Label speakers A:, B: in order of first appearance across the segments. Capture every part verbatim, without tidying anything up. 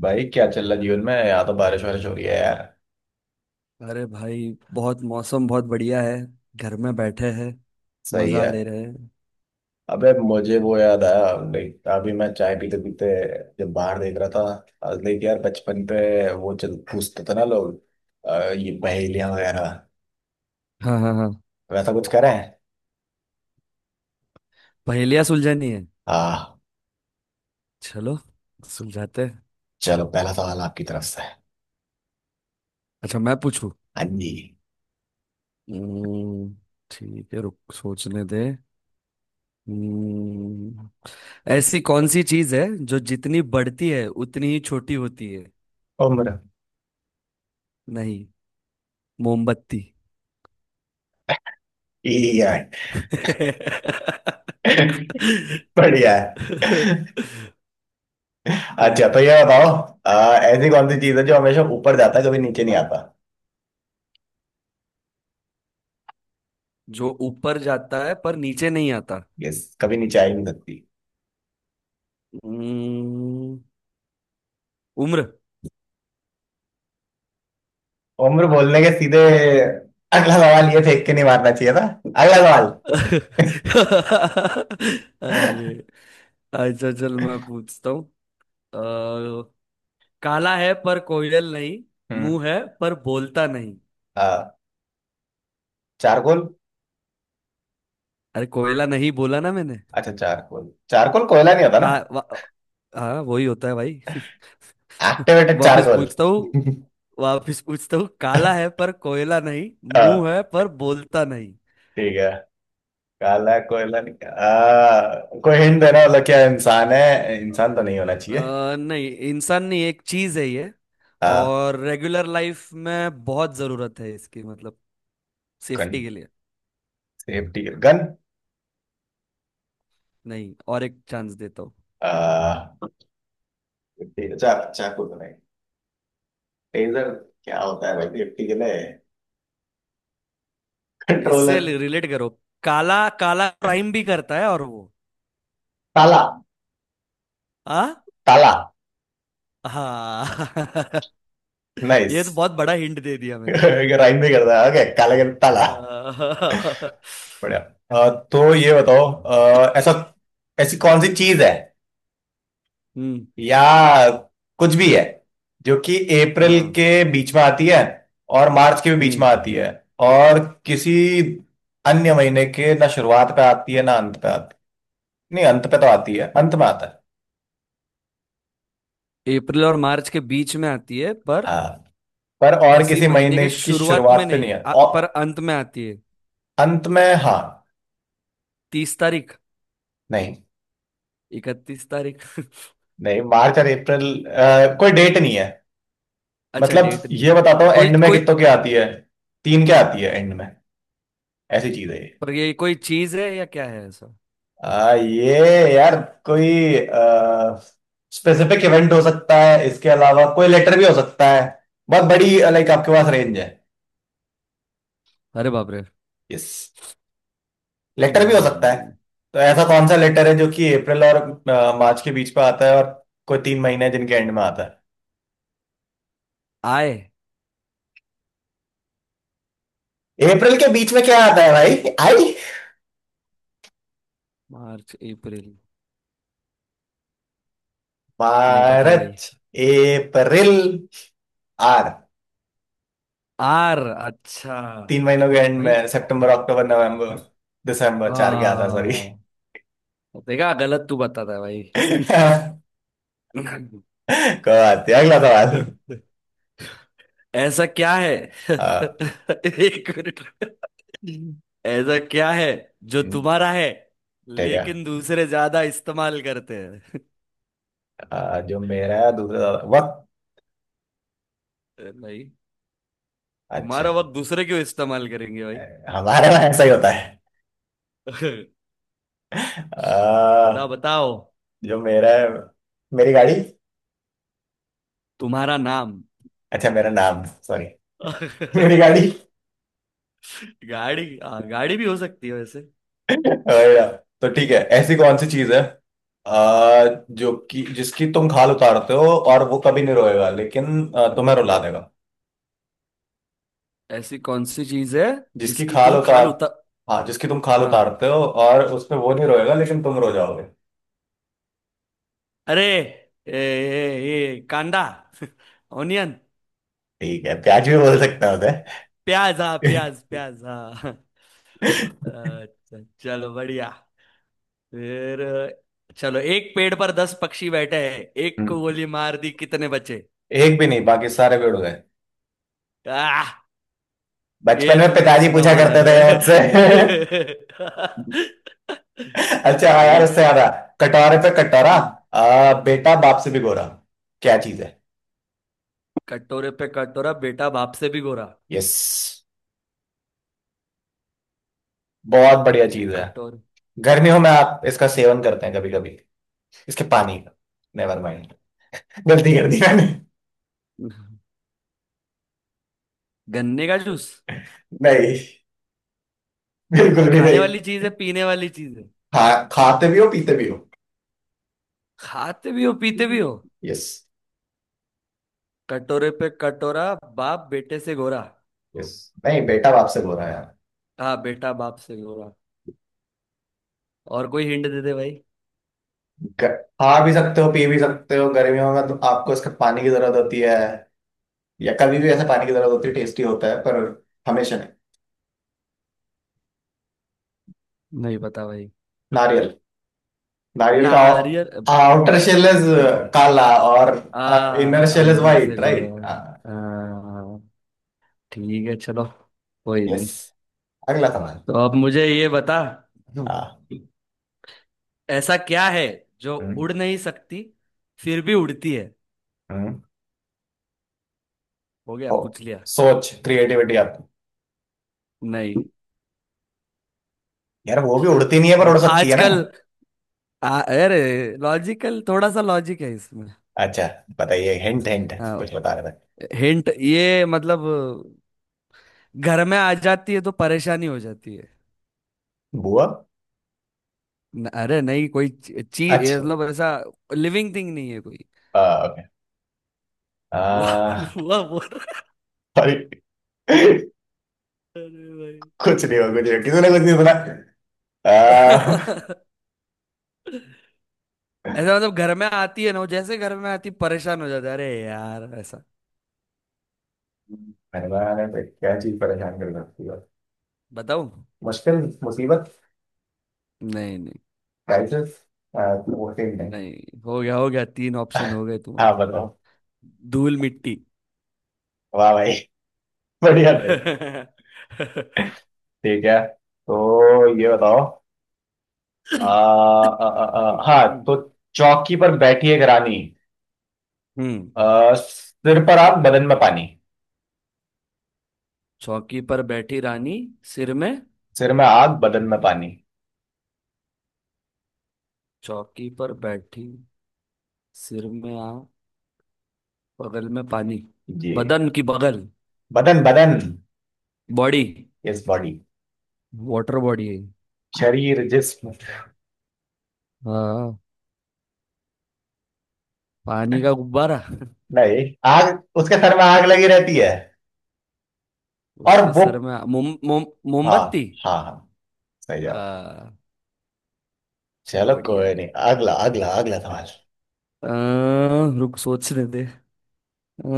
A: भाई क्या चल रहा जीवन में यहाँ तो बारिश वारिश हो रही है यार।
B: अरे भाई बहुत मौसम बहुत बढ़िया है। घर में बैठे हैं।
A: सही
B: मजा ले
A: है।
B: रहे हैं।
A: अबे मुझे वो याद आया। लाइक अभी मैं चाय पीते पीते जब बाहर देख रहा था। लाइक यार बचपन पे वो चल पूछते थे ना लोग अ, ये पहेलियां वगैरह
B: हाँ हाँ हाँ।
A: वैसा कुछ करें।
B: पहेलियाँ सुलझानी है।
A: हाँ।
B: चलो सुलझाते हैं।
A: चलो पहला सवाल आपकी तरफ से।
B: अच्छा मैं पूछू।
A: हाँ जी।
B: हम्म, ठीक है, रुक सोचने दे। हम्म, ऐसी कौन सी चीज है जो जितनी बढ़ती है उतनी ही छोटी होती है?
A: उम्र।
B: नहीं। मोमबत्ती।
A: ये है। बढ़िया है। अच्छा तो ये बताओ अ, ऐसी कौन सी चीज है जो हमेशा ऊपर जाता है कभी नीचे नहीं आता।
B: जो ऊपर जाता है पर नीचे नहीं आता?
A: यस कभी नीचे आ ही नहीं सकती।
B: हम्म, उम्र।
A: उम्र बोलने के सीधे अगला सवाल ये फेंक के नहीं मारना चाहिए था। अगला सवाल।
B: अरे, अच्छा चल मैं पूछता हूँ। अ, काला है पर कोयल नहीं।
A: हम्म।
B: मुंह है पर बोलता नहीं।
A: आ, चारकोल।
B: अरे कोयला नहीं बोला ना मैंने।
A: अच्छा चारकोल चारकोल कोयला नहीं होता ना।
B: का वा- हाँ वही होता है भाई।
A: एक्टिवेटेड
B: वापस
A: चारकोल।
B: पूछता हूँ। वापस पूछता हूँ, काला है पर कोयला नहीं,
A: आ,
B: मुंह है पर बोलता नहीं।
A: ठीक है। काला कोयला नहीं आ, कोई हिंट देना मतलब क्या इंसान है इंसान तो नहीं होना
B: अ,
A: चाहिए।
B: नहीं, इंसान नहीं, एक चीज है ये।
A: आ,
B: और रेगुलर लाइफ में बहुत जरूरत है इसकी, मतलब
A: गन।
B: सेफ्टी के लिए।
A: Safety gun.
B: नहीं, और एक चांस देता हूँ।
A: आ, safety- चा, चाकू तो नहीं। टेजर। क्या होता है भाई सेफ्टी के लिए।
B: इससे
A: कंट्रोलर।
B: रिलेट करो। काला काला, क्राइम भी करता है और वो।
A: ताला।
B: आ?
A: ताला।
B: हाँ।
A: नाइस।
B: ये तो बहुत बड़ा हिंट दे दिया मैंने।
A: राइम भी करता है ओके काला के ताला।
B: अ,
A: बढ़िया। अ, तो ये बताओ अ, ऐसा ऐसी कौन सी चीज है
B: हम्म।
A: या कुछ भी है जो कि अप्रैल
B: हाँ।
A: के बीच में आती है और मार्च के भी बीच
B: हम्म।
A: में आती है और किसी अन्य महीने के ना शुरुआत पे आती है ना अंत पे आती। नहीं अंत पे तो आती है अंत में आता है।
B: अप्रैल और मार्च के बीच में आती है, पर
A: हाँ पर और
B: किसी
A: किसी
B: महीने
A: महीने
B: के
A: की
B: शुरुआत में
A: शुरुआत पे नहीं
B: नहीं
A: है
B: आ,
A: और
B: पर अंत में आती है।
A: अंत में हाँ।
B: तीस तारीख।
A: नहीं
B: इकतीस तारीख।
A: नहीं मार्च और अप्रैल अ, कोई डेट नहीं है।
B: अच्छा
A: मतलब
B: डेट
A: ये
B: नहीं
A: बताता
B: है
A: हूँ
B: कोई
A: एंड में
B: कोई।
A: कितनों की आती है। तीन क्या आती है एंड में। ऐसी चीज है ये।
B: पर ये कोई चीज है या क्या है ऐसा?
A: आ, ये यार कोई स्पेसिफिक इवेंट हो सकता है इसके अलावा कोई लेटर भी हो सकता है। बहुत बड़ी लाइक आपके पास रेंज है।
B: अरे बाप रे।
A: यस। लेटर भी हो सकता है।
B: हम्म,
A: तो ऐसा कौन सा लेटर है जो कि अप्रैल और मार्च के बीच में आता है और कोई तीन महीने हैं जिनके एंड में आता
B: आए।
A: है। अप्रैल के बीच में क्या आता है भाई आई।
B: मार्च अप्रैल। नहीं पता भाई।
A: मार्च अप्रैल आर।
B: आर। अच्छा।
A: तीन महीनों के एंड
B: भाई।
A: में सितंबर अक्टूबर नवंबर दिसंबर चार के आता सॉरी।
B: हाँ। देखा, गलत तू बताता है भाई।
A: कोई बात नहीं, अगला सवाल।
B: ऐसा क्या है?
A: अ,
B: एक मिनट। ऐसा क्या है जो
A: हम्म,
B: तुम्हारा है
A: ठीक है।
B: लेकिन दूसरे ज्यादा इस्तेमाल करते हैं?
A: अ, जो मेरा है दूसरा सवाल- वक्त।
B: नहीं।
A: अच्छा
B: तुम्हारा वक्त दूसरे क्यों इस्तेमाल करेंगे भाई?
A: हमारे में ऐसा ही होता है।
B: बताओ
A: अ,
B: बताओ।
A: जो मेरा है मेरी गाड़ी।
B: तुम्हारा नाम।
A: अच्छा मेरा नाम सॉरी। मेरी गाड़ी।
B: गाड़ी। हाँ, गाड़ी भी हो सकती है वैसे।
A: और, तो ठीक है ऐसी
B: हम्म।
A: कौन सी चीज है अ, जो कि जिसकी तुम खाल उतारते हो और वो कभी नहीं रोएगा लेकिन अ, तुम्हें रुला देगा।
B: ऐसी कौन सी चीज है
A: जिसकी
B: जिसकी
A: खाल
B: तुम
A: उतार
B: खाल उतर?
A: हाँ जिसकी तुम खाल
B: हाँ।
A: उतारते हो और उसमें वो नहीं रोएगा लेकिन तुम रो जाओगे।
B: अरे ए, ए, ए, कांदा। ऑनियन।
A: ठीक है प्याज भी बोल सकता हूँ।
B: प्याज हाँ, प्याज प्याज हाँ। अच्छा चलो बढ़िया। फिर चलो, एक पेड़ पर दस पक्षी बैठे हैं। एक को
A: हम्म,
B: गोली मार दी, कितने बचे?
A: एक भी नहीं बाकी सारे पेड़ उड़ गए।
B: आह।
A: बचपन
B: ये
A: में
B: तुमने
A: पिताजी
B: सुना
A: पूछा
B: हुआ
A: करते
B: लग रहा
A: थे मुझसे।
B: है।
A: अच्छा हाँ यार
B: ठीक है।
A: उससे याद आया। कटोरे पे कटोरा
B: हम्म,
A: आ, बेटा बाप से भी गोरा क्या चीज है।
B: कटोरे पे कटोरा, बेटा बाप से भी गोरा।
A: यस बहुत बढ़िया चीज है।
B: कटोरे।
A: गर्मियों में आप इसका सेवन करते हैं कभी कभी इसके पानी का। नेवर माइंड गलती कर दी मैंने।
B: गन्ने का जूस।
A: नहीं
B: ये
A: बिल्कुल भी
B: खाने
A: नहीं।
B: वाली चीज है पीने वाली चीज है?
A: खा खाते भी हो पीते भी हो।
B: खाते भी हो पीते भी हो।
A: यस।
B: कटोरे पे कटोरा, बाप बेटे से गोरा।
A: यस नहीं बेटा बाप से बोल रहा है यार।
B: हाँ, बेटा बाप से गोरा। और कोई हिंट दे दे भाई।
A: ग- खा भी सकते हो पी भी सकते हो गर्मियों में तो आपको इसका पानी की जरूरत होती है या कभी भी ऐसा पानी की जरूरत होती है टेस्टी होता है पर हमेशा नहीं।
B: नहीं पता भाई।
A: नारियल। नारियल का
B: नारियल।
A: आउटर शेल इज काला और
B: आ।
A: इनर शेल इज
B: अंदर से
A: वाइट
B: गोरा
A: राइट।
B: है। आ, ठीक है चलो। कोई नहीं।
A: यस। अगला सवाल।
B: तो अब मुझे ये बता।
A: हाँ।
B: ऐसा क्या है जो
A: हम्म,
B: उड़ नहीं सकती फिर भी उड़ती है?
A: हम्म।
B: हो गया,
A: हो
B: पूछ लिया।
A: सोच क्रिएटिविटी आपकी।
B: नहीं।
A: यार वो भी उड़ती नहीं है पर उड़ सकती है ना।
B: आजकल। आ, अरे लॉजिकल, थोड़ा सा लॉजिक है इसमें।
A: अच्छा बताइए हिंट हिंट
B: हाँ।
A: कुछ बता रहे थे।
B: हिंट ये मतलब घर में आ जाती है तो परेशानी हो जाती है।
A: बुआ।
B: न, अरे नहीं, कोई चीज
A: अच्छा
B: मतलब ऐसा। लिविंग थिंग नहीं है कोई।
A: आ, okay।
B: बुआ।
A: आ,
B: बुआ बोल रहा
A: sorry।
B: है। अरे
A: कुछ नहीं हुआ कुछ नहीं हुआ। किसी ने कुछ नहीं सुना। आ,
B: भाई। ऐसा मतलब घर में आती है ना, वो जैसे घर में आती परेशान हो जाता है, अरे यार ऐसा।
A: मेहमान है क्या चीज परेशान कर सकती है।
B: बताऊं?
A: मुश्किल मुसीबत
B: नहीं नहीं।
A: क्राइसिस वो सेम नहीं।
B: नहीं, हो गया हो गया, तीन ऑप्शन हो गए
A: हाँ
B: तुम्हारे।
A: बताओ।
B: धूल मिट्टी।
A: वाह भाई बढ़िया भाई। ठीक है तो ये
B: हाँ।
A: बताओ आ,
B: हम्म
A: आ, आ, आ, हाँ तो चौकी पर बैठी एक रानी
B: हम्म।
A: आ, सिर पर आग बदन में पानी।
B: चौकी पर बैठी रानी, सिर में।
A: सिर में आग बदन में पानी।
B: चौकी पर बैठी, सिर में आ बगल में पानी।
A: जी।
B: बदन की बगल।
A: बदन बदन
B: body.
A: Is body
B: water body है।
A: शरीर जिस्म।
B: हाँ। पानी का गुब्बारा।
A: नहीं आग उसके सर में आग लगी रहती है और
B: उसके
A: वो
B: सर में मोम मोम।
A: हाँ
B: मोमबत्ती।
A: हाँ हाँ सही जवाब।
B: आ, चलो
A: चलो
B: बढ़िया
A: कोई नहीं
B: है।
A: अगला अगला अगला सवाल।
B: आ, रुक सोचने दे आ,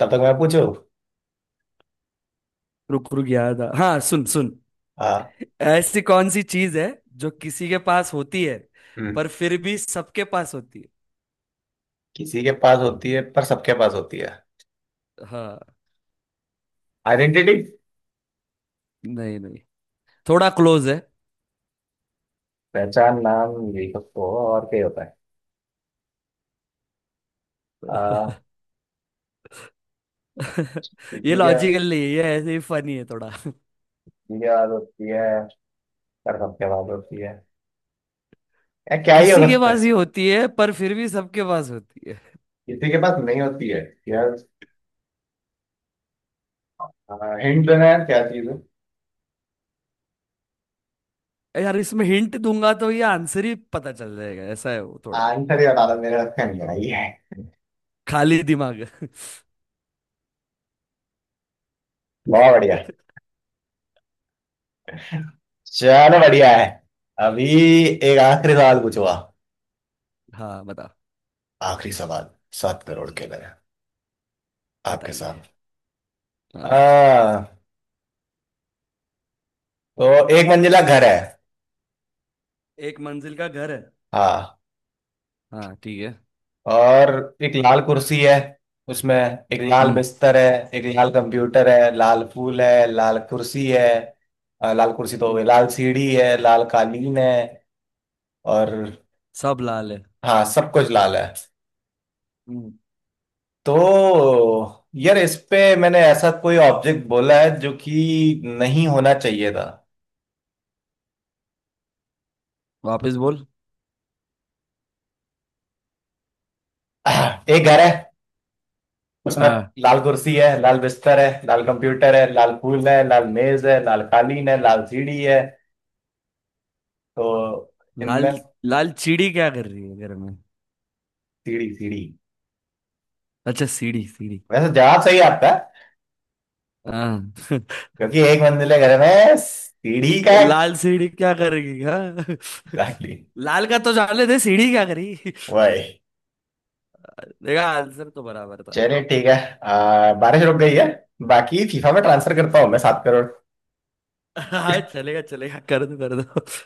A: तब तक मैं पूछू।
B: रुक रुक, याद आ, हाँ सुन सुन।
A: हाँ।
B: ऐसी कौन सी चीज है जो किसी के पास होती है
A: हम्म।
B: पर फिर भी सबके पास होती
A: किसी के पास होती है पर सबके पास होती है।
B: है? हाँ।
A: आइडेंटिटी
B: नहीं नहीं। थोड़ा क्लोज है।
A: पहचान नाम यही सब तो और क्या ही होता है। आ,
B: ये
A: किसी के
B: लॉजिकल नहीं है ये, ऐसे ही फनी है थोड़ा।
A: किसी के पास होती है पर सबके पास होती है यार क्या ही हो
B: किसी के
A: सकता
B: पास
A: है।
B: ही होती है पर फिर भी सबके पास होती है।
A: किसी के पास नहीं होती है यार हिंट देना है क्या चीज है।
B: यार इसमें हिंट दूंगा तो ये आंसर ही पता चल जाएगा, ऐसा है वो थोड़ा।
A: आंसर ही बता दो मेरे हाथ में नहीं आई है।
B: खाली दिमाग।
A: बहुत बढ़िया। चलो बढ़िया है। अभी एक आखिरी सवाल पूछूंगा।
B: हाँ बता।
A: आखिरी सवाल। सात करोड़ के लिए। आपके
B: बताइए।
A: साथ।
B: हाँ।
A: हाँ। तो एक मंजिला घर है।
B: एक मंजिल का घर है।
A: हाँ।
B: हाँ ठीक है।
A: और एक लाल कुर्सी है उसमें एक लाल
B: हम्म
A: बिस्तर है एक लाल कंप्यूटर है लाल फूल है लाल कुर्सी है अ, लाल कुर्सी तो हो गई
B: हम्म।
A: लाल सीढ़ी है लाल कालीन है। और
B: सब लाल है।
A: हाँ सब कुछ लाल है।
B: हम्म।
A: तो यार इस पे मैंने ऐसा कोई ऑब्जेक्ट बोला है जो कि नहीं होना चाहिए था।
B: वापस बोल।
A: आह, एक घर है उसमें
B: हाँ।
A: लाल कुर्सी है लाल बिस्तर है लाल कंप्यूटर है लाल फूल है लाल मेज है लाल कालीन है लाल सीढ़ी है। तो इनमें
B: लाल, लाल चिड़ी क्या कर रही है घर में?
A: सीढ़ी सीढ़ी
B: अच्छा सीढ़ी सीढ़ी।
A: वैसे जवाब सही आता है
B: हाँ।
A: क्योंकि एक मंजिले घर में सीढ़ी का
B: लाल सीढ़ी क्या करेगी हाँ।
A: एग्जैक्टली
B: लाल का तो जाने दे, सीढ़ी क्या करी।
A: वही।
B: देखा, आंसर तो बराबर था भाई।
A: चलिए ठीक है आ, बारिश रुक गई है। बाकी फीफा में ट्रांसफर करता हूँ मैं सात करोड़।
B: हाँ चलेगा चलेगा, कर दो कर दो।